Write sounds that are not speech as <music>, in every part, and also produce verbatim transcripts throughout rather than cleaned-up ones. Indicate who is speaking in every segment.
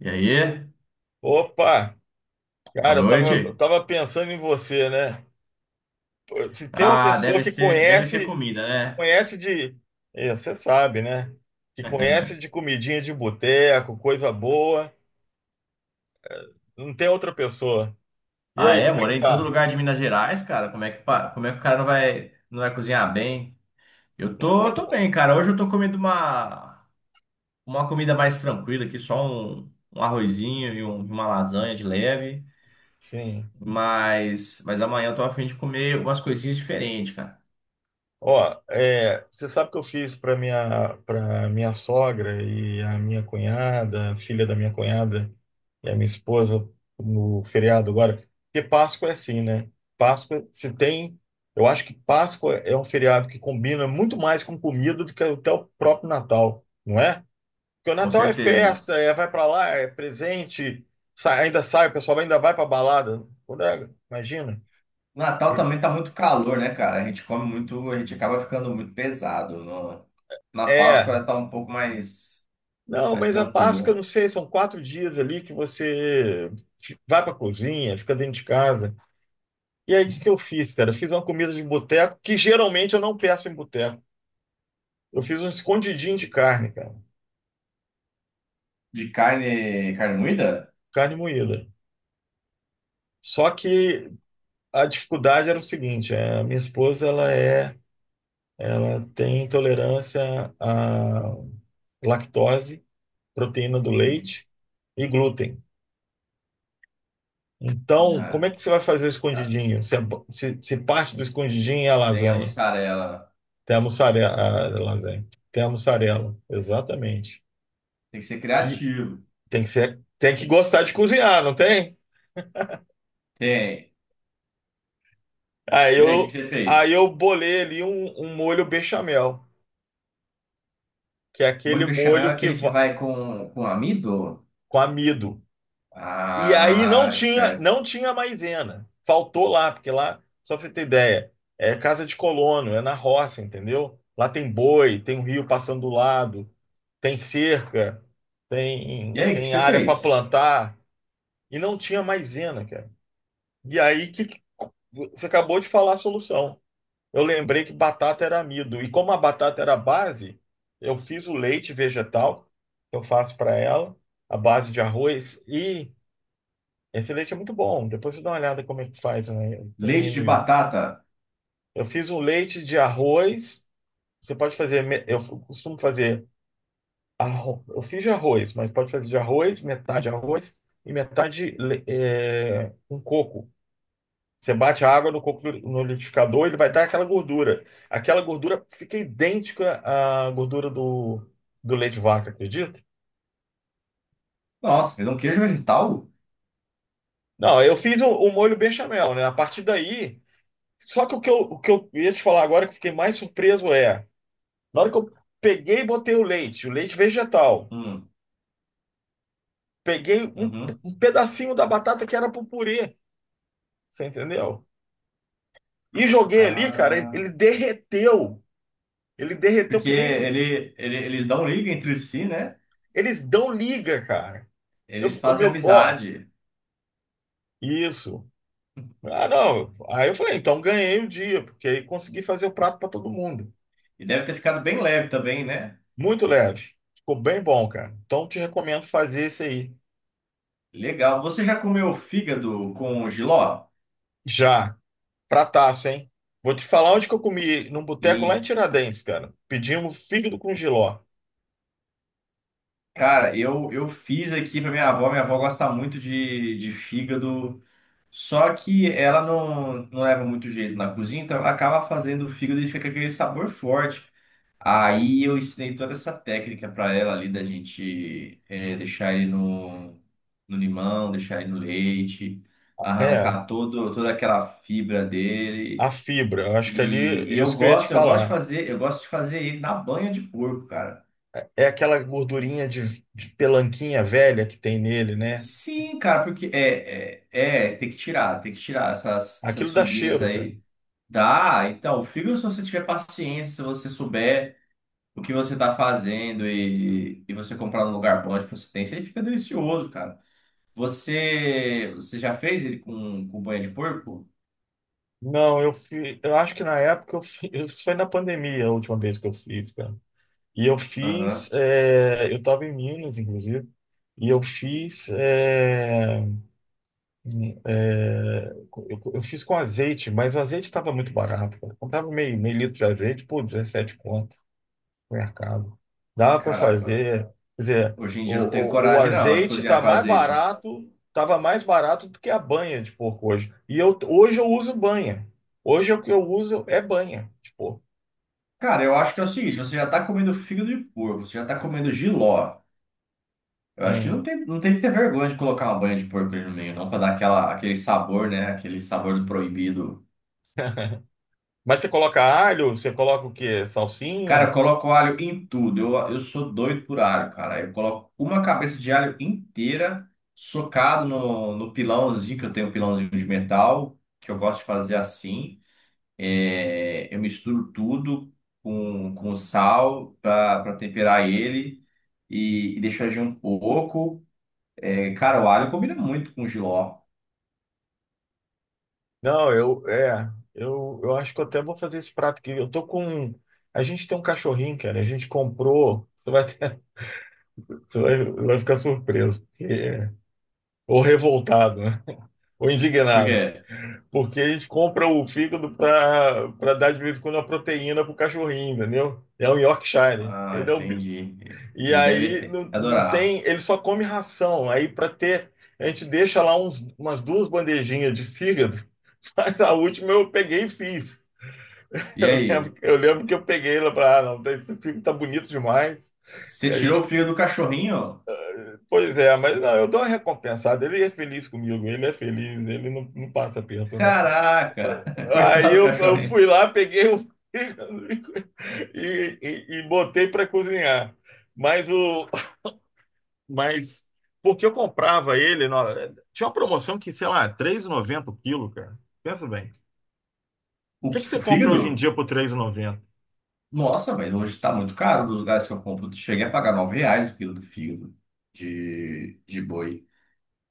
Speaker 1: E aí?
Speaker 2: Opa,
Speaker 1: Boa
Speaker 2: cara, eu tava, eu
Speaker 1: noite.
Speaker 2: tava pensando em você, né? Pô, se tem uma
Speaker 1: Ah,
Speaker 2: pessoa
Speaker 1: deve
Speaker 2: que
Speaker 1: ser, deve ser
Speaker 2: conhece,
Speaker 1: comida, né?
Speaker 2: conhece de, é, você sabe, né? Que conhece de comidinha de boteco, coisa boa, não tem outra pessoa. E
Speaker 1: Ah,
Speaker 2: aí,
Speaker 1: é,
Speaker 2: como é que
Speaker 1: morei em todo
Speaker 2: tá?
Speaker 1: lugar de Minas Gerais, cara. Como é que, pa- como é que o cara não vai, não vai cozinhar bem? Eu
Speaker 2: Não
Speaker 1: tô,
Speaker 2: tem
Speaker 1: tô
Speaker 2: como.
Speaker 1: bem, cara. Hoje eu tô comendo uma, uma comida mais tranquila aqui, só um, um arrozinho e um- uma lasanha de leve.
Speaker 2: Sim.
Speaker 1: Mas, mas amanhã eu tô a fim de comer umas coisinhas diferentes, cara.
Speaker 2: Ó, é, você sabe que eu fiz para minha para minha sogra e a minha cunhada, a filha da minha cunhada e a minha esposa no feriado agora. Porque Páscoa é assim, né? Páscoa se tem, eu acho que Páscoa é um feriado que combina muito mais com comida do que até o próprio Natal, não é? Porque o
Speaker 1: Com
Speaker 2: Natal é
Speaker 1: certeza.
Speaker 2: festa, é vai para lá, é presente, sai- ainda sai, o pessoal ainda vai para balada. Quando é- imagina.
Speaker 1: Natal também tá muito calor, né, cara? A gente come muito, a gente acaba ficando muito pesado. No- na Páscoa
Speaker 2: É.
Speaker 1: tá um pouco mais,
Speaker 2: Não,
Speaker 1: mais
Speaker 2: mas a Páscoa,
Speaker 1: tranquilo.
Speaker 2: não sei, são quatro dias ali que você fi- vai para a cozinha, fica dentro de casa. E aí, o que que eu fiz, cara? Fiz uma comida de boteco, que geralmente eu não peço em boteco. Eu fiz um escondidinho de carne, cara,
Speaker 1: De carne, carne moída?
Speaker 2: carne moída. Só que a dificuldade era o seguinte, é, a minha esposa, ela é, ela tem intolerância à lactose, proteína do
Speaker 1: Não.
Speaker 2: leite e glúten. Então, como
Speaker 1: Ah,
Speaker 2: é que você vai fazer o
Speaker 1: cara,
Speaker 2: escondidinho? Se, a- se se parte do escondidinho é a
Speaker 1: sem a
Speaker 2: lasanha?
Speaker 1: mussarela.
Speaker 2: Tem a mussarela, a lasanha. Tem a mussarela, exatamente.
Speaker 1: Tem que ser
Speaker 2: E
Speaker 1: criativo.
Speaker 2: tem que ser, tem que gostar de cozinhar, não tem?
Speaker 1: Tem.
Speaker 2: Aí
Speaker 1: E aí, o que que
Speaker 2: eu,
Speaker 1: você
Speaker 2: aí
Speaker 1: fez?
Speaker 2: eu bolei ali um, um molho bechamel, que é aquele
Speaker 1: Molho bechamel é
Speaker 2: molho que
Speaker 1: aquele que
Speaker 2: va-
Speaker 1: vai com, com amido?
Speaker 2: com amido. E aí não
Speaker 1: Ah,
Speaker 2: tinha,
Speaker 1: esperto.
Speaker 2: não tinha maisena. Faltou lá, porque lá, só pra você ter ideia, é casa de colono, é na roça, entendeu? Lá tem boi, tem um rio passando do lado, tem cerca,
Speaker 1: E
Speaker 2: tem,
Speaker 1: aí, o que que
Speaker 2: tem
Speaker 1: você
Speaker 2: área para
Speaker 1: fez?
Speaker 2: plantar. E não tinha maisena, cara. E aí que que- você acabou de falar a solução. Eu lembrei que batata era amido. E como a batata era a base, eu fiz o leite vegetal, que eu faço para ela, a base de arroz. E esse leite é muito bom. Depois você dá uma olhada como é que faz, né? Tem aí
Speaker 1: Leite de
Speaker 2: no YouTube.
Speaker 1: batata?
Speaker 2: Eu fiz um leite de arroz. Você pode fazer, me- eu costumo fazer, arro- eu fiz de arroz, mas pode fazer de arroz, metade arroz e metade le- é, um coco. Você bate a água no, coco- no liquidificador, ele vai dar aquela gordura. Aquela gordura fica idêntica à gordura do, do leite de vaca, acredita?
Speaker 1: Nossa, fez um queijo vegetal?
Speaker 2: Não, eu fiz o, o molho bechamel, né? A partir daí. Só que o que eu, o que eu ia te falar agora, que eu fiquei mais surpreso, é. Na hora que eu peguei e botei o leite, o leite vegetal,
Speaker 1: Hum,
Speaker 2: peguei um,
Speaker 1: uhum.
Speaker 2: um pedacinho da batata que era pro purê, você entendeu? E joguei ali, cara, ele ele
Speaker 1: Ah.
Speaker 2: derreteu. Ele derreteu
Speaker 1: Porque
Speaker 2: que nem.
Speaker 1: ele, ele- eles dão liga entre si, né?
Speaker 2: Eles dão liga, cara. Eu,
Speaker 1: Eles
Speaker 2: o
Speaker 1: fazem
Speaker 2: meu, ó.
Speaker 1: amizade.
Speaker 2: Isso. Ah, não. Aí eu falei, então ganhei o dia, porque aí consegui fazer o prato para todo mundo.
Speaker 1: E deve ter ficado bem leve também, né?
Speaker 2: Muito leve. Ficou bem bom, cara. Então te recomendo fazer esse aí.
Speaker 1: Legal. Você já comeu fígado com jiló?
Speaker 2: Já. Prataço, hein? Vou te falar onde que eu comi, num boteco lá em
Speaker 1: Sim.
Speaker 2: Tiradentes, cara. Pedimos fígado com jiló.
Speaker 1: Cara, eu, eu fiz aqui pra minha avó. Minha avó gosta muito de, de fígado. Só que ela não, não leva muito jeito na cozinha, então ela acaba fazendo o fígado e fica aquele sabor forte. Aí eu ensinei toda essa técnica para ela ali da gente eh, deixar ele no, no limão, deixar ele no leite,
Speaker 2: É,
Speaker 1: arrancar todo, toda aquela fibra
Speaker 2: a
Speaker 1: dele.
Speaker 2: fibra. Eu acho que ali,
Speaker 1: E, e eu
Speaker 2: isso que eu ia te
Speaker 1: gosto, eu gosto de
Speaker 2: falar.
Speaker 1: fazer, eu gosto de fazer ele na banha de porco, cara.
Speaker 2: É aquela gordurinha de, de pelanquinha velha que tem nele, né?
Speaker 1: Sim, cara, porque é, é, é, tem que tirar, tem que tirar essas,
Speaker 2: Aquilo
Speaker 1: essas
Speaker 2: dá
Speaker 1: fibrinhas
Speaker 2: cheiro, cara.
Speaker 1: aí. Dá, então, fibra se você tiver paciência, se você souber. O que você tá fazendo e, e você comprar num lugar bom de procedência, ele fica delicioso, cara. Você, você já fez ele com, com banha de porco?
Speaker 2: Não, eu fiz. Eu acho que na época eu fiz. <laughs> Isso foi na pandemia a última vez que eu fiz, cara. E eu fiz.
Speaker 1: Aham.
Speaker 2: é, eu tava em Minas, inclusive. E eu fiz. é, é, eu, eu fiz com azeite, mas o azeite estava muito barato, cara. Eu comprava meio, meio litro de azeite por dezessete conto mercado. Dá para
Speaker 1: Caraca,
Speaker 2: fazer, quer dizer,
Speaker 1: ó. Hoje em dia eu não tenho
Speaker 2: o, o, o
Speaker 1: coragem não de
Speaker 2: azeite tá
Speaker 1: cozinhar com
Speaker 2: mais
Speaker 1: azeite.
Speaker 2: barato, tava mais barato do que a banha de porco hoje. E eu, hoje eu uso banha. Hoje o que eu uso é banha de porco.
Speaker 1: Cara, eu acho que é o seguinte, você já tá comendo fígado de porco, você já tá comendo jiló. Eu acho que não
Speaker 2: Hum.
Speaker 1: tem, não tem que ter vergonha de colocar uma banha de porco ali no meio, não, pra dar aquela, aquele sabor, né? Aquele sabor do proibido.
Speaker 2: Mas você coloca alho, você coloca o quê?
Speaker 1: Cara, eu
Speaker 2: Salsinha?
Speaker 1: coloco alho em tudo. Eu, eu sou doido por alho, cara. Eu coloco uma cabeça de alho inteira socado no, no pilãozinho, que eu tenho um pilãozinho de metal, que eu gosto de fazer assim. É, eu misturo tudo com, com sal para temperar ele e, e deixo agir um pouco. É, cara, o alho combina muito com jiló.
Speaker 2: Não, eu, é, eu, eu acho que eu até vou fazer esse prato aqui. Eu tô com, a gente tem um cachorrinho, cara, a gente comprou, você vai, ter- <laughs> você vai, vai, ficar surpreso, porque- é, ou revoltado, né? Ou
Speaker 1: Por
Speaker 2: indignado.
Speaker 1: quê?
Speaker 2: Porque eles compram o fígado para dar de vez em quando uma proteína pro cachorrinho, entendeu? É um Yorkshire.
Speaker 1: Ah,
Speaker 2: Ele é um... bi-
Speaker 1: entendi.
Speaker 2: E
Speaker 1: Ele
Speaker 2: aí
Speaker 1: deve
Speaker 2: não, não tem.
Speaker 1: adorar.
Speaker 2: Ele só come ração. Aí para ter. A gente deixa lá uns, umas duas bandejinhas de fígado, <laughs> mas a última eu peguei e fiz. <laughs>
Speaker 1: E
Speaker 2: Eu lembro,
Speaker 1: aí?
Speaker 2: que- eu lembro que eu peguei lá para. Ah, não, esse fígado tá bonito demais. E
Speaker 1: Você
Speaker 2: a
Speaker 1: tirou o
Speaker 2: gente,
Speaker 1: fio do cachorrinho?
Speaker 2: pois é, mas não, eu dou uma recompensada. Ele é feliz comigo, ele é feliz, ele não, não passa perto, não.
Speaker 1: Caraca, <laughs>
Speaker 2: Aí
Speaker 1: coitado do
Speaker 2: eu, eu
Speaker 1: cachorrinho.
Speaker 2: fui lá, peguei o fígado <laughs> e, e, e botei para cozinhar. Mas o. Mas porque eu comprava ele. No- Tinha uma promoção que, sei lá, R três reais e noventa centavos o quilo, cara. Pensa bem. O
Speaker 1: O,
Speaker 2: que que
Speaker 1: qui-
Speaker 2: você
Speaker 1: o
Speaker 2: compra hoje em
Speaker 1: fígado?
Speaker 2: dia por três e noventa?
Speaker 1: Nossa, mas hoje tá muito caro dos lugares que eu compro. Cheguei a pagar nove reais o quilo do fígado de, de boi.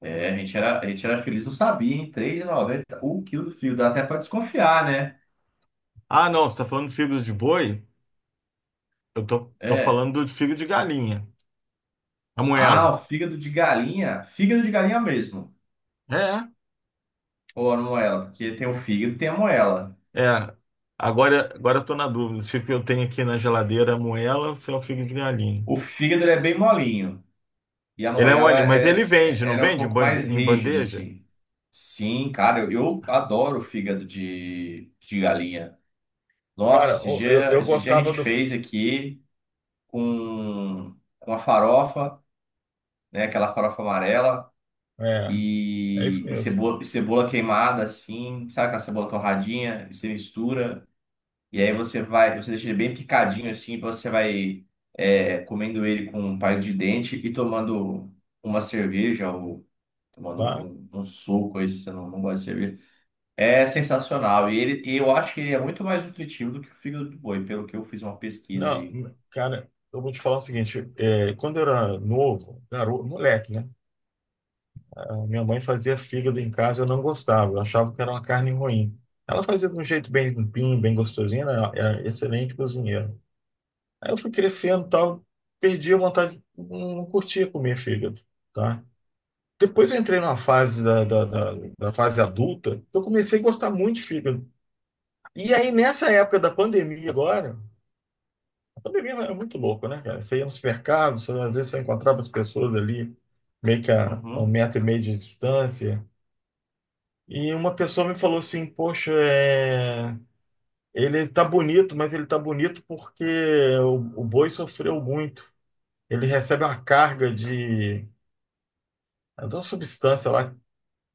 Speaker 1: É, a gente era, a gente era feliz, não sabia, hein? três e noventa o quilo do fígado. Dá até pra desconfiar, né?
Speaker 2: Ah, não, você está falando de fígado de boi? Eu tô, tô
Speaker 1: É.
Speaker 2: falando de fígado de galinha. A
Speaker 1: Ah,
Speaker 2: moela.
Speaker 1: o fígado de galinha. Fígado de galinha mesmo.
Speaker 2: É.
Speaker 1: Ou a moela, porque tem o fígado e tem a moela.
Speaker 2: É, agora, agora eu tô na dúvida se o que eu tenho aqui na geladeira é moela ou se é o figo de galinha.
Speaker 1: O fígado ele é bem molinho. E a
Speaker 2: Ele é
Speaker 1: Noela
Speaker 2: mole, mas ele
Speaker 1: é,
Speaker 2: vende,
Speaker 1: é-
Speaker 2: não
Speaker 1: era um
Speaker 2: vende em
Speaker 1: pouco
Speaker 2: bande-
Speaker 1: mais
Speaker 2: em
Speaker 1: rígida,
Speaker 2: bandeja?
Speaker 1: assim. Sim, cara, eu, eu adoro fígado de, de galinha. Nossa,
Speaker 2: Cara,
Speaker 1: esse
Speaker 2: o- eu,
Speaker 1: dia,
Speaker 2: eu
Speaker 1: esse dia a
Speaker 2: gostava
Speaker 1: gente
Speaker 2: do. fi-
Speaker 1: fez aqui com uma farofa, né? Aquela farofa amarela
Speaker 2: É, é isso
Speaker 1: e, e
Speaker 2: mesmo.
Speaker 1: cebola, e cebola queimada, assim, sabe aquela cebola torradinha? E você mistura e aí você vai, você deixa ele bem picadinho, assim, você vai é, comendo ele com um palito de dente e tomando uma cerveja tomando
Speaker 2: Tá?
Speaker 1: um, um um suco, aí se você não, não gosta de cerveja. É sensacional. E ele, e eu acho que ele é muito mais nutritivo do que o fígado do boi, pelo que eu fiz uma pesquisa
Speaker 2: Não,
Speaker 1: aí.
Speaker 2: cara, eu vou te falar o seguinte: é, quando eu era novo, garoto, moleque, né? A minha mãe fazia fígado em casa, eu não gostava, eu achava que era uma carne ruim. Ela fazia de um jeito bem limpinho, bem gostosinho, né, ela era excelente cozinheira. Aí eu fui crescendo e tal, perdi a vontade, não não curtia comer fígado, tá? Depois eu entrei numa fase da, da, da, da fase adulta, que eu comecei a gostar muito de fígado. E aí, nessa época da pandemia agora, a pandemia é muito louco, né, cara? Você ia no supermercado, você, às vezes você encontrava as pessoas ali, meio que a, a um
Speaker 1: Uhum.
Speaker 2: metro e meio de distância, e uma pessoa me falou assim, poxa, é... ele tá bonito, mas ele tá bonito porque o, o boi sofreu muito. Ele recebe uma carga de, é de uma substância lá,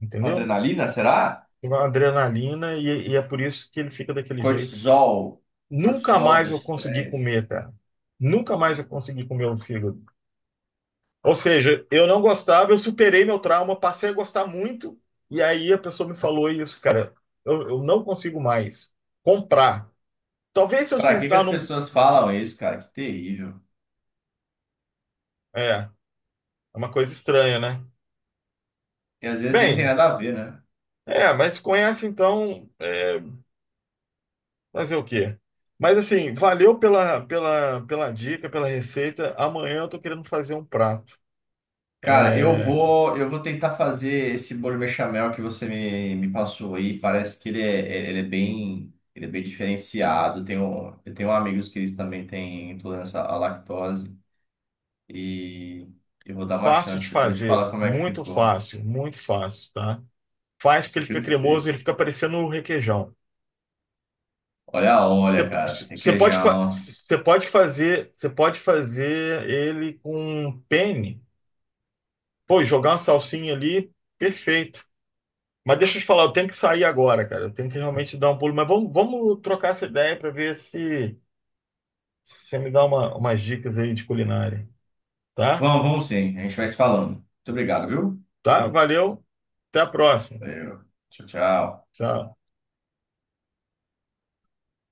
Speaker 2: entendeu?
Speaker 1: Adrenalina, será?
Speaker 2: Uma adrenalina e, e é por isso que ele fica daquele jeito.
Speaker 1: Cortisol.
Speaker 2: Nunca
Speaker 1: Cortisol do
Speaker 2: mais eu consegui
Speaker 1: estresse.
Speaker 2: comer, cara. Nunca mais eu consegui comer o fígado. Ou seja, eu não gostava, eu superei meu trauma, passei a gostar muito, e aí a pessoa me falou isso, cara. Eu, eu não consigo mais comprar. Talvez se eu
Speaker 1: Pra que que
Speaker 2: sentar
Speaker 1: as
Speaker 2: num.
Speaker 1: pessoas falam isso, cara? Que terrível.
Speaker 2: É, é uma coisa estranha, né?
Speaker 1: E às vezes nem tem
Speaker 2: Bem,
Speaker 1: nada a ver, né?
Speaker 2: é, mas conhece então. é, Fazer o quê? Mas assim, valeu pela, pela, pela dica, pela receita. Amanhã eu estou querendo fazer um prato.
Speaker 1: Cara, eu
Speaker 2: É
Speaker 1: vou, eu vou tentar fazer esse bolo bechamel que você me, me passou aí. Parece que ele é, ele é bem, ele é bem diferenciado. Tenho, eu tenho amigos que eles também têm intolerância à lactose e eu vou dar uma
Speaker 2: fácil de
Speaker 1: chance. Depois eu te
Speaker 2: fazer,
Speaker 1: falo como é que
Speaker 2: muito
Speaker 1: ficou.
Speaker 2: fácil, muito fácil, tá? Faz porque ele fica cremoso,
Speaker 1: Perfeito.
Speaker 2: ele fica parecendo um requeijão.
Speaker 1: Olha, olha, cara,
Speaker 2: Você você pode, fa-
Speaker 1: requeijão.
Speaker 2: você pode fazer, você pode fazer ele com um penne. Pô, jogar uma salsinha ali, perfeito. Mas deixa eu te falar, eu tenho que sair agora, cara. Eu tenho que realmente dar um pulo. Mas vamos, vamos trocar essa ideia para ver se você me dá uma, umas dicas aí de culinária, tá?
Speaker 1: Vamos, vamos sim. A gente vai se falando. Muito obrigado, viu?
Speaker 2: Tá? Valeu, até a próxima.
Speaker 1: Valeu. Tchau, tchau.
Speaker 2: Tchau.